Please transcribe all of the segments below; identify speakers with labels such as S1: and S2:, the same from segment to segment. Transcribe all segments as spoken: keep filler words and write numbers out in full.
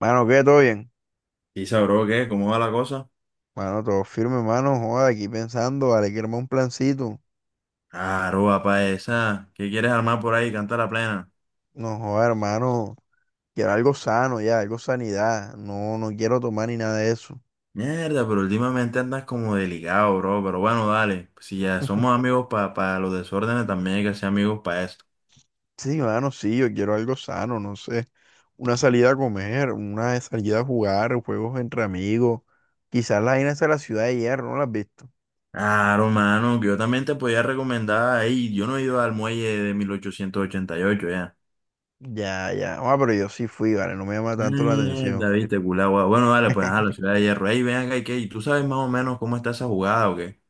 S1: Mano, ¿qué? ¿Todo bien?
S2: ¿Y sabró qué? ¿Cómo va la cosa?
S1: Mano, todo firme, mano. Joda, aquí pensando, vale, quiero armar un plancito.
S2: Claro, papá, esa. ¿Qué quieres armar por ahí? Canta la plena.
S1: No, joda, hermano. Quiero algo sano ya, algo sanidad. No, no quiero tomar ni nada de eso.
S2: Mierda, pero últimamente andas como delicado, bro. Pero bueno, dale. Pues si ya somos amigos para los desórdenes, también hay que ser amigos para esto.
S1: Sí, mano, sí, yo quiero algo sano, no sé. Una salida a comer, una salida a jugar, juegos entre amigos. Quizás las vainas de la Ciudad de Hierro, ¿no las has visto?
S2: Claro, mano, que yo también te podía recomendar. Ahí, yo no he ido al muelle de mil ochocientos ochenta y ocho ya.
S1: Ya, ya. Ah, pero yo sí fui, vale, no me llama tanto la atención.
S2: Mierda, viste, culagua. Bueno, dale, pues a la Ciudad de Hierro. Ahí ven acá, ¿y qué? ¿Y tú sabes más o menos cómo está esa jugada o qué?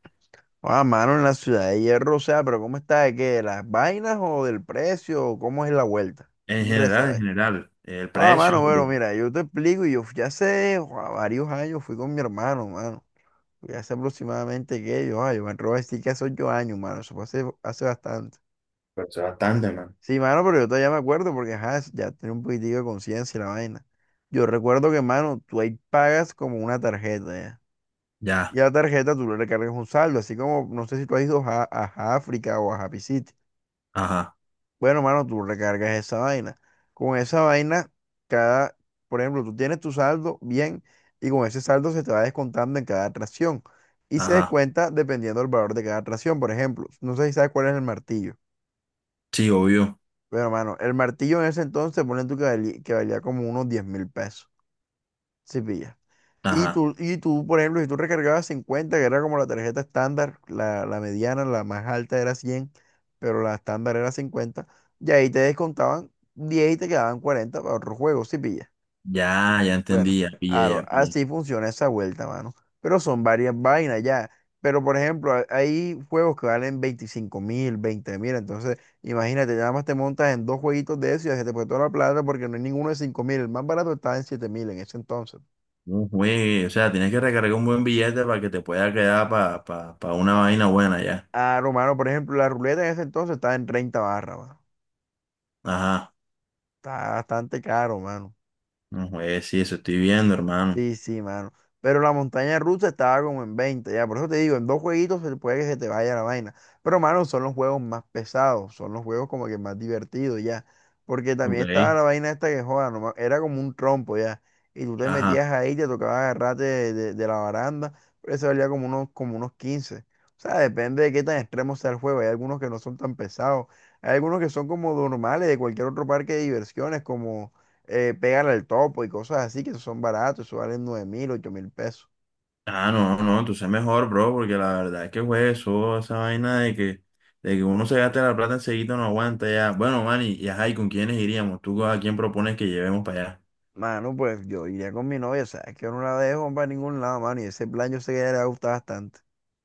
S1: Ah, mano, en la Ciudad de Hierro, o sea, pero ¿cómo está? ¿De qué? ¿De las vainas o del precio? ¿O cómo es la vuelta? ¿Qué
S2: En
S1: quieres
S2: general, en
S1: saber?
S2: general. El
S1: Ah,
S2: precio,
S1: mano,
S2: pues
S1: bueno, mira, yo te explico, y yo fui hace joa, varios años, fui con mi hermano, mano. Fui hace aproximadamente, ¿qué? Yo, ah, yo me atrevo a decir que hace ocho años, mano, eso fue hace, hace, bastante.
S2: bastante, man.
S1: Sí, mano, pero yo todavía me acuerdo porque, ajá, ya tenía un poquitico de conciencia y la vaina. Yo recuerdo que, mano, tú ahí pagas como una tarjeta, ¿ya?
S2: Ya.
S1: Y a la tarjeta tú le recargas un saldo, así como, no sé si tú has ido a, a África o a Happy City.
S2: Ajá,
S1: Bueno, mano, tú recargas esa vaina. Con esa vaina, cada, por ejemplo, tú tienes tu saldo bien y con ese saldo se te va descontando en cada atracción. Y se
S2: ajá.
S1: descuenta dependiendo del valor de cada atracción. Por ejemplo, no sé si sabes cuál es el martillo.
S2: Sí, obvio.
S1: Pero, mano, el martillo en ese entonces, ponen tú que valía, que valía, como unos diez mil pesos. Si pillas. Y
S2: Ajá.
S1: tú, y tú, por ejemplo, si tú recargabas cincuenta que era como la tarjeta estándar, la, la mediana, la más alta era cien, pero la estándar era cincuenta y ahí te descontaban diez y te quedaban cuarenta para otro juego, si pillas.
S2: Ya, ya
S1: Bueno,
S2: entendí, ya pillé,
S1: claro,
S2: ya pillé.
S1: así funciona esa vuelta, mano. Pero son varias vainas ya. Pero, por ejemplo, ha- hay juegos que valen veinticinco mil, veinte mil, entonces imagínate, nada más te montas en dos jueguitos de eso y ya se te fue toda la plata porque no hay ninguno de cinco mil, el más barato estaba en siete mil en ese entonces.
S2: No juegue, o sea, tienes que recargar un buen billete para que te pueda quedar para pa, pa- pa una vaina buena ya.
S1: Ah, no, mano, por ejemplo, la ruleta en ese entonces estaba en treinta barras, mano.
S2: Ajá.
S1: Está bastante caro, mano.
S2: No juegue, sí, eso estoy viendo, hermano.
S1: Sí, sí, mano. Pero la montaña rusa estaba como en veinte, ya. Por eso te digo, en dos jueguitos se puede que se te vaya la vaina. Pero, mano, son los juegos más pesados, son los juegos como que más divertidos, ya. Porque también
S2: Ok.
S1: estaba la vaina esta que joda, no me- era como un trompo, ya. Y tú te
S2: Ajá.
S1: metías ahí, te tocaba agarrarte de, de- de la baranda, pero eso valía como unos, como unos quince. O sea, depende de qué tan extremo sea el juego. Hay algunos que no son tan pesados. Hay algunos que son como normales de cualquier otro parque de diversiones, eh, pégale al topo y cosas así que son baratos, eso valen nueve mil, ocho mil pesos.
S2: Ah, no, no, tú sé mejor, bro, porque la verdad es que, güey, eso, esa vaina de que, de que uno se gaste la plata enseguida no aguanta ya. Bueno, Manny, y ajá, ¿y con quiénes iríamos? ¿Tú a quién propones que llevemos para allá?
S1: Mano, pues yo iría con mi novia, sabes que yo no la dejo para ningún lado, mano, y ese plan yo sé que a ella le gusta bastante.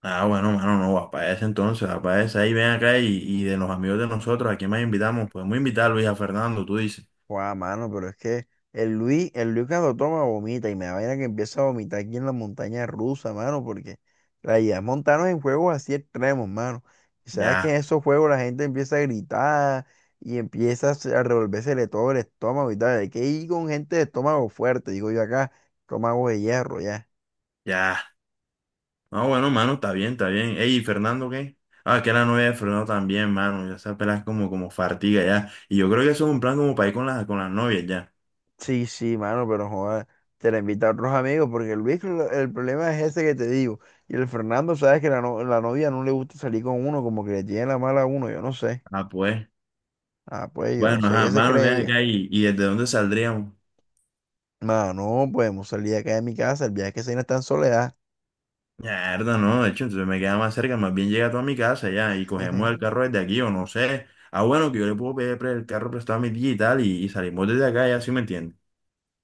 S2: Ah, bueno, mano, no, vas para ese entonces, vas para ese. Ahí ven acá y, y de los amigos de nosotros, ¿a quién más invitamos? Podemos invitar a Luis, a Fernando, tú dices.
S1: Guau, mano, pero es que el Luis, el Luis cuando toma vomita y me da vaina que empieza a vomitar aquí en la montaña rusa, mano, porque la idea es montarnos en juegos así extremos, mano. Y sabes que en
S2: Ya,
S1: esos juegos la gente empieza a gritar y empieza a se- a revolvérsele todo el estómago y tal. Hay que ir con gente de estómago fuerte, digo yo acá, estómago de hierro, ya.
S2: ya. Ah, bueno, mano, está bien, está bien. Ey, ¿y Fernando qué? Ah, que la novia de Fernando también, mano. Ya esa pela es como, como fartiga ya. Y yo creo que eso es un plan como para ir con las, con las novias ya.
S1: Sí, sí, mano, pero joder, te la invita a otros amigos, porque el Luis, lo- el problema es ese que te digo. Y el Fernando, sabes que la, no- la novia no le gusta salir con uno, como que le tiene la mala a uno, yo no sé.
S2: Ah, pues.
S1: Ah, pues yo no
S2: Bueno,
S1: sé
S2: ajá,
S1: qué se
S2: mano,
S1: cree
S2: ven acá
S1: ella.
S2: y, y ¿desde dónde saldríamos?
S1: Mano, podemos salir acá de mi casa, el viaje que se no está en soledad.
S2: Mierda, no, de hecho, entonces me queda más cerca, más bien llega tú a mi casa ya y cogemos el carro desde aquí o no sé. Ah, bueno, que yo le puedo pedir pre- el carro prestado a mi tía y tal y, y salimos desde acá, ya sí me entiendes.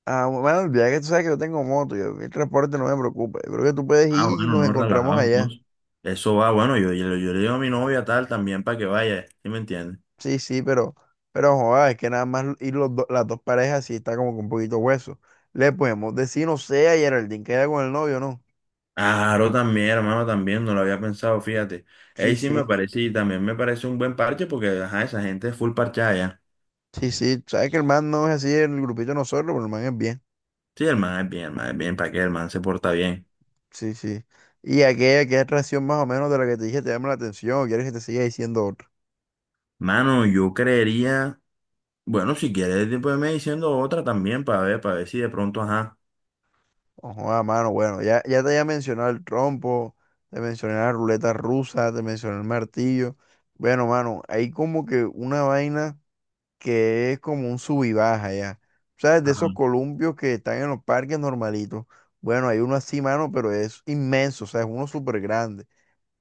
S1: Ah, bueno, el viaje, tú sabes que yo tengo moto, yo, el transporte no me preocupa. Yo creo que tú puedes
S2: Ah,
S1: ir y
S2: bueno,
S1: nos
S2: no,
S1: encontramos
S2: relajado
S1: allá.
S2: entonces. Eso va, bueno, yo, yo, yo le digo a mi novia tal también para que vaya, ¿sí me entiendes?
S1: Sí, sí, pero, pero joda, es que nada más ir los do- las dos parejas sí está como que un poquito hueso. Le podemos decir, no sé, a Geraldine, queda con el novio, ¿no?
S2: Claro, también, hermano, también, no lo había pensado, fíjate.
S1: Sí,
S2: Ahí sí me
S1: sí,
S2: parece y también me parece un buen parche porque, ajá, esa gente es full parchada ya.
S1: sí, sí. Sabes que el man no es así en el grupito de nosotros, pero el man es bien.
S2: Sí, el man es bien, el man es bien, para que el man se porta bien.
S1: Sí, sí. Y aquella, aquella atracción más o menos de la que te dije, te llama la atención, o quieres que te siga diciendo otra.
S2: Mano, yo creería... Bueno, si quieres, te- pues me diciendo otra también para ver, para ver si de pronto, ajá,
S1: Ojo, a mano, bueno, ya, ya te había mencionado el trompo, te mencioné la ruleta rusa, te mencioné el martillo. Bueno, mano, hay como que una vaina que es como un sub y baja ya. ¿Sabes? De
S2: ajá,
S1: esos columpios que están en los parques normalitos. Bueno, hay uno así, mano, pero es inmenso, o sea, es uno súper grande.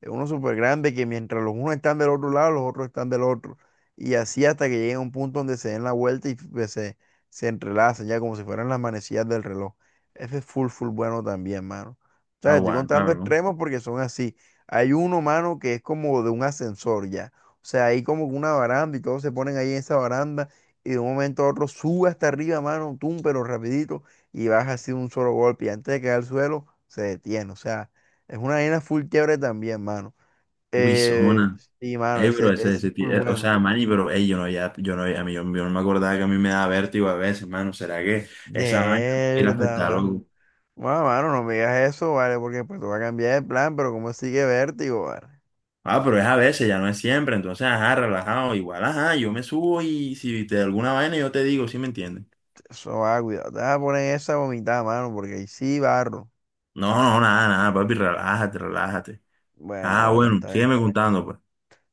S1: Es uno súper grande que mientras los unos están del otro lado, los otros están del otro. Y así hasta que lleguen a un punto donde se den la vuelta y pues, se, se entrelazan, ya como si fueran las manecillas del reloj. Ese es full, full bueno también, mano. O sea, estoy
S2: aguanta,
S1: contando
S2: bro.
S1: extremos porque son así. Hay uno, mano, que es como de un ascensor ya. O sea, hay como una baranda y todos se ponen ahí en esa baranda y de un momento a otro sube hasta arriba, mano, tú, pero rapidito y baja así de un solo golpe y antes de caer al suelo se detiene. O sea. Es una vaina full chévere también, mano.
S2: Uy,
S1: Eh,
S2: zona.
S1: sí, mano,
S2: Ey,
S1: ese,
S2: bro, ese,
S1: ese
S2: ese
S1: es
S2: ti-
S1: full
S2: eh, o
S1: bueno.
S2: sea, mani, pero, ey, yo no, ya, yo no, a mí, yo, yo no me acordaba que a mí me da vértigo a veces, mano, ¿será que esa vaina me quiere
S1: Mierda,
S2: afectar
S1: mano.
S2: algo?
S1: Bueno, mano, no me digas eso, vale, porque pues te va a cambiar de plan, pero como sigue vértigo, vale.
S2: Ah, pero es a veces, ya no es siempre, entonces, ajá, relajado, igual, ajá, yo me subo y si te da alguna vaina yo te digo, ¿sí me entiendes?
S1: Eso va, cuidado. Te vas a poner esa vomitada, mano, porque ahí sí barro.
S2: No, no, nada, nada, papi, relájate, relájate.
S1: Bueno,
S2: Ah,
S1: bueno,
S2: bueno,
S1: está bien.
S2: sígueme contando, pues.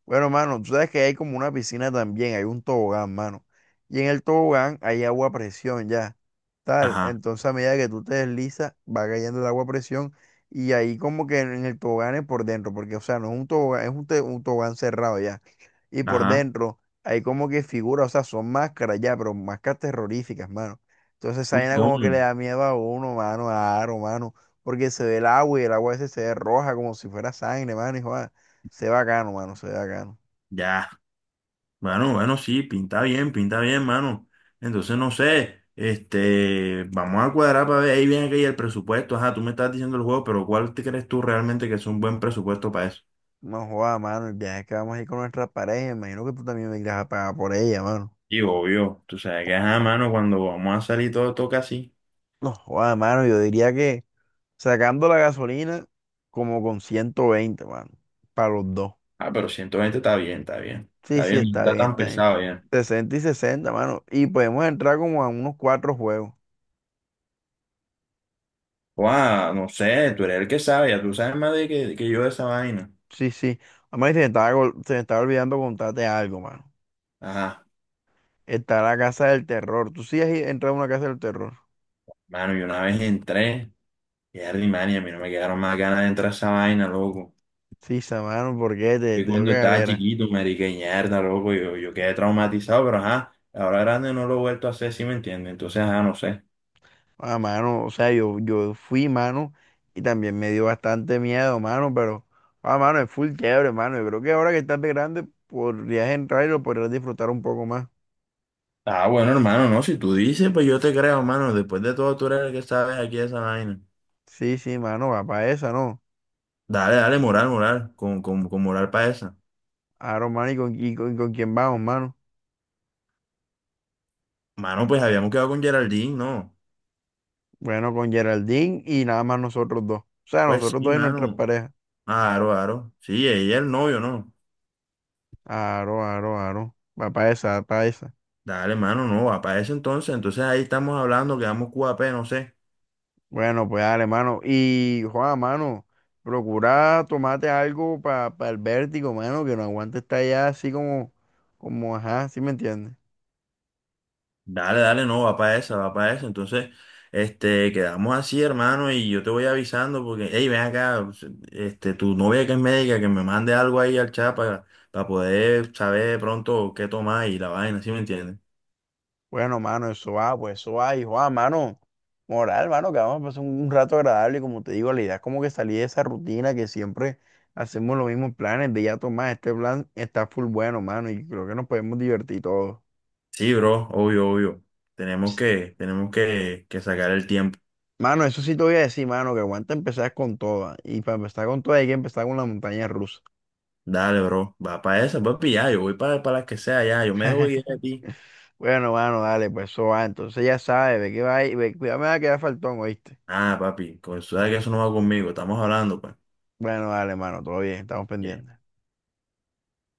S1: Bueno, mano, tú sabes que hay como una piscina también, hay un tobogán, mano. Y en el tobogán hay agua a presión ya. Tal.
S2: Ajá,
S1: Entonces, a medida que tú te deslizas, va cayendo el agua a presión y ahí como que en el tobogán es por dentro, porque, o sea, no es un tobogán, es un, te- un tobogán cerrado ya. Y por
S2: ajá.
S1: dentro hay como que figuras, o sea, son máscaras ya, pero máscaras terroríficas, mano. Entonces, esa
S2: Uy,
S1: vaina
S2: ¿cómo?
S1: como que le da miedo a uno, mano, a Aro, mano, porque se ve el agua y el agua ese se ve roja como si fuera sangre, mano, y joda, se ve bacano, mano, se ve bacano.
S2: Ya. Bueno, bueno, sí, pinta bien, pinta bien, mano. Entonces, no sé, este, vamos a cuadrar para ver ahí viene que hay el presupuesto. Ajá, tú me estás diciendo el juego, pero ¿cuál te crees tú realmente que es un buen presupuesto para eso?
S1: No joda, mano, el viaje que vamos a ir con nuestra pareja, imagino que tú también me irás a pagar por ella, mano.
S2: Y obvio, tú sabes que, ajá, mano, cuando vamos a salir todo toca así.
S1: No, joda, mano, yo diría que sacando la gasolina como con ciento veinte, mano, para los dos.
S2: Ah, pero ciento veinte está bien, está bien.
S1: Sí,
S2: Está
S1: sí,
S2: bien, no
S1: está
S2: está
S1: bien,
S2: tan
S1: está bien.
S2: pesado ya.
S1: Sesenta y sesenta, mano. Y podemos entrar como a unos cuatro juegos.
S2: Guau, no sé, tú eres el que sabe, ya tú sabes más de que, que yo de esa vaina.
S1: Sí, sí. Además, se me estaba, gol- se me estaba olvidando contarte algo, mano.
S2: Ajá,
S1: Está la casa del terror. ¿Tú sí has i- entrado a una casa del terror?
S2: mano, yo una vez entré, y man, y a mí no me quedaron más ganas de entrar a esa vaina, loco.
S1: Sí, sa- mano, ¿por qué? Te,
S2: Y
S1: te dio
S2: cuando
S1: que
S2: estaba
S1: galera.
S2: chiquito, marica, y mierda, loco, yo, yo quedé traumatizado, pero ajá, ahora grande no lo he vuelto a hacer, ¿si me entiendes? Entonces, ajá, no sé.
S1: Ah, mano, o sea, yo, yo fui, mano, y también me dio bastante miedo, mano, pero, ah, mano, es full chévere, mano. Yo creo que ahora que estás de grande podrías entrar y lo podrías disfrutar un poco más.
S2: Ah, bueno, hermano, no, si tú dices, pues yo te creo, hermano, después de todo tú eres el que sabes aquí de esa vaina.
S1: Sí, sí, mano, va para esa, ¿no?
S2: Dale, dale, moral, moral, con, con, con moral para esa.
S1: Aaron, mano, ¿y con, y con, y con quién vamos, mano?
S2: Mano, pues habíamos quedado con Geraldine, ¿no?
S1: Bueno, con Geraldine y nada más nosotros dos. O sea,
S2: Pues
S1: nosotros
S2: sí,
S1: dos y nuestras
S2: mano,
S1: parejas.
S2: aro, aro, sí, ella es el novio, ¿no?
S1: Aro, aro, aro. Va para esa, va para esa.
S2: Dale, mano, no, va para ese entonces, entonces ahí estamos hablando, quedamos Q A P no sé.
S1: Bueno, pues dale, mano. Y, Juan, mano, procura tomarte algo para el vértigo, mano, que no aguante estar allá así como, como, ajá, ¿sí me entiendes?
S2: Dale, dale, no, va para esa, va para esa. Entonces, este, quedamos así, hermano, y yo te voy avisando porque, hey, ven acá, este, tu novia que es médica, que me mande algo ahí al chat para poder saber de pronto qué tomar y la vaina, ¿sí me entiendes?
S1: Bueno, mano, eso va, pues eso va. Y, Juan, mano, moral, mano, que vamos a pasar un, un rato agradable. Como te digo, la idea es como que salir de esa rutina que siempre hacemos los mismos planes de ya tomar. Este plan está full bueno, mano, y creo que nos podemos divertir todos.
S2: Sí, bro, obvio, obvio. Tenemos
S1: Ch-
S2: que, tenemos que, que sacar el tiempo.
S1: Mano, eso sí te voy a decir, mano, que aguanta empezar con todas. Y para empezar con todas hay que empezar con la montaña rusa.
S2: Dale, bro, va para esa, papi, ya, yo voy para, para las que sea, ya, yo me debo ir a ti.
S1: Bueno, mano, dale, pues eso va. Entonces ya sabes, ve que va ahí, ve, cuidado, me va a quedar faltón, ¿oíste?
S2: Ah, papi, pues, tú sabes que eso no va conmigo, estamos hablando, pues.
S1: Bueno, dale, mano, todo bien, estamos pendientes.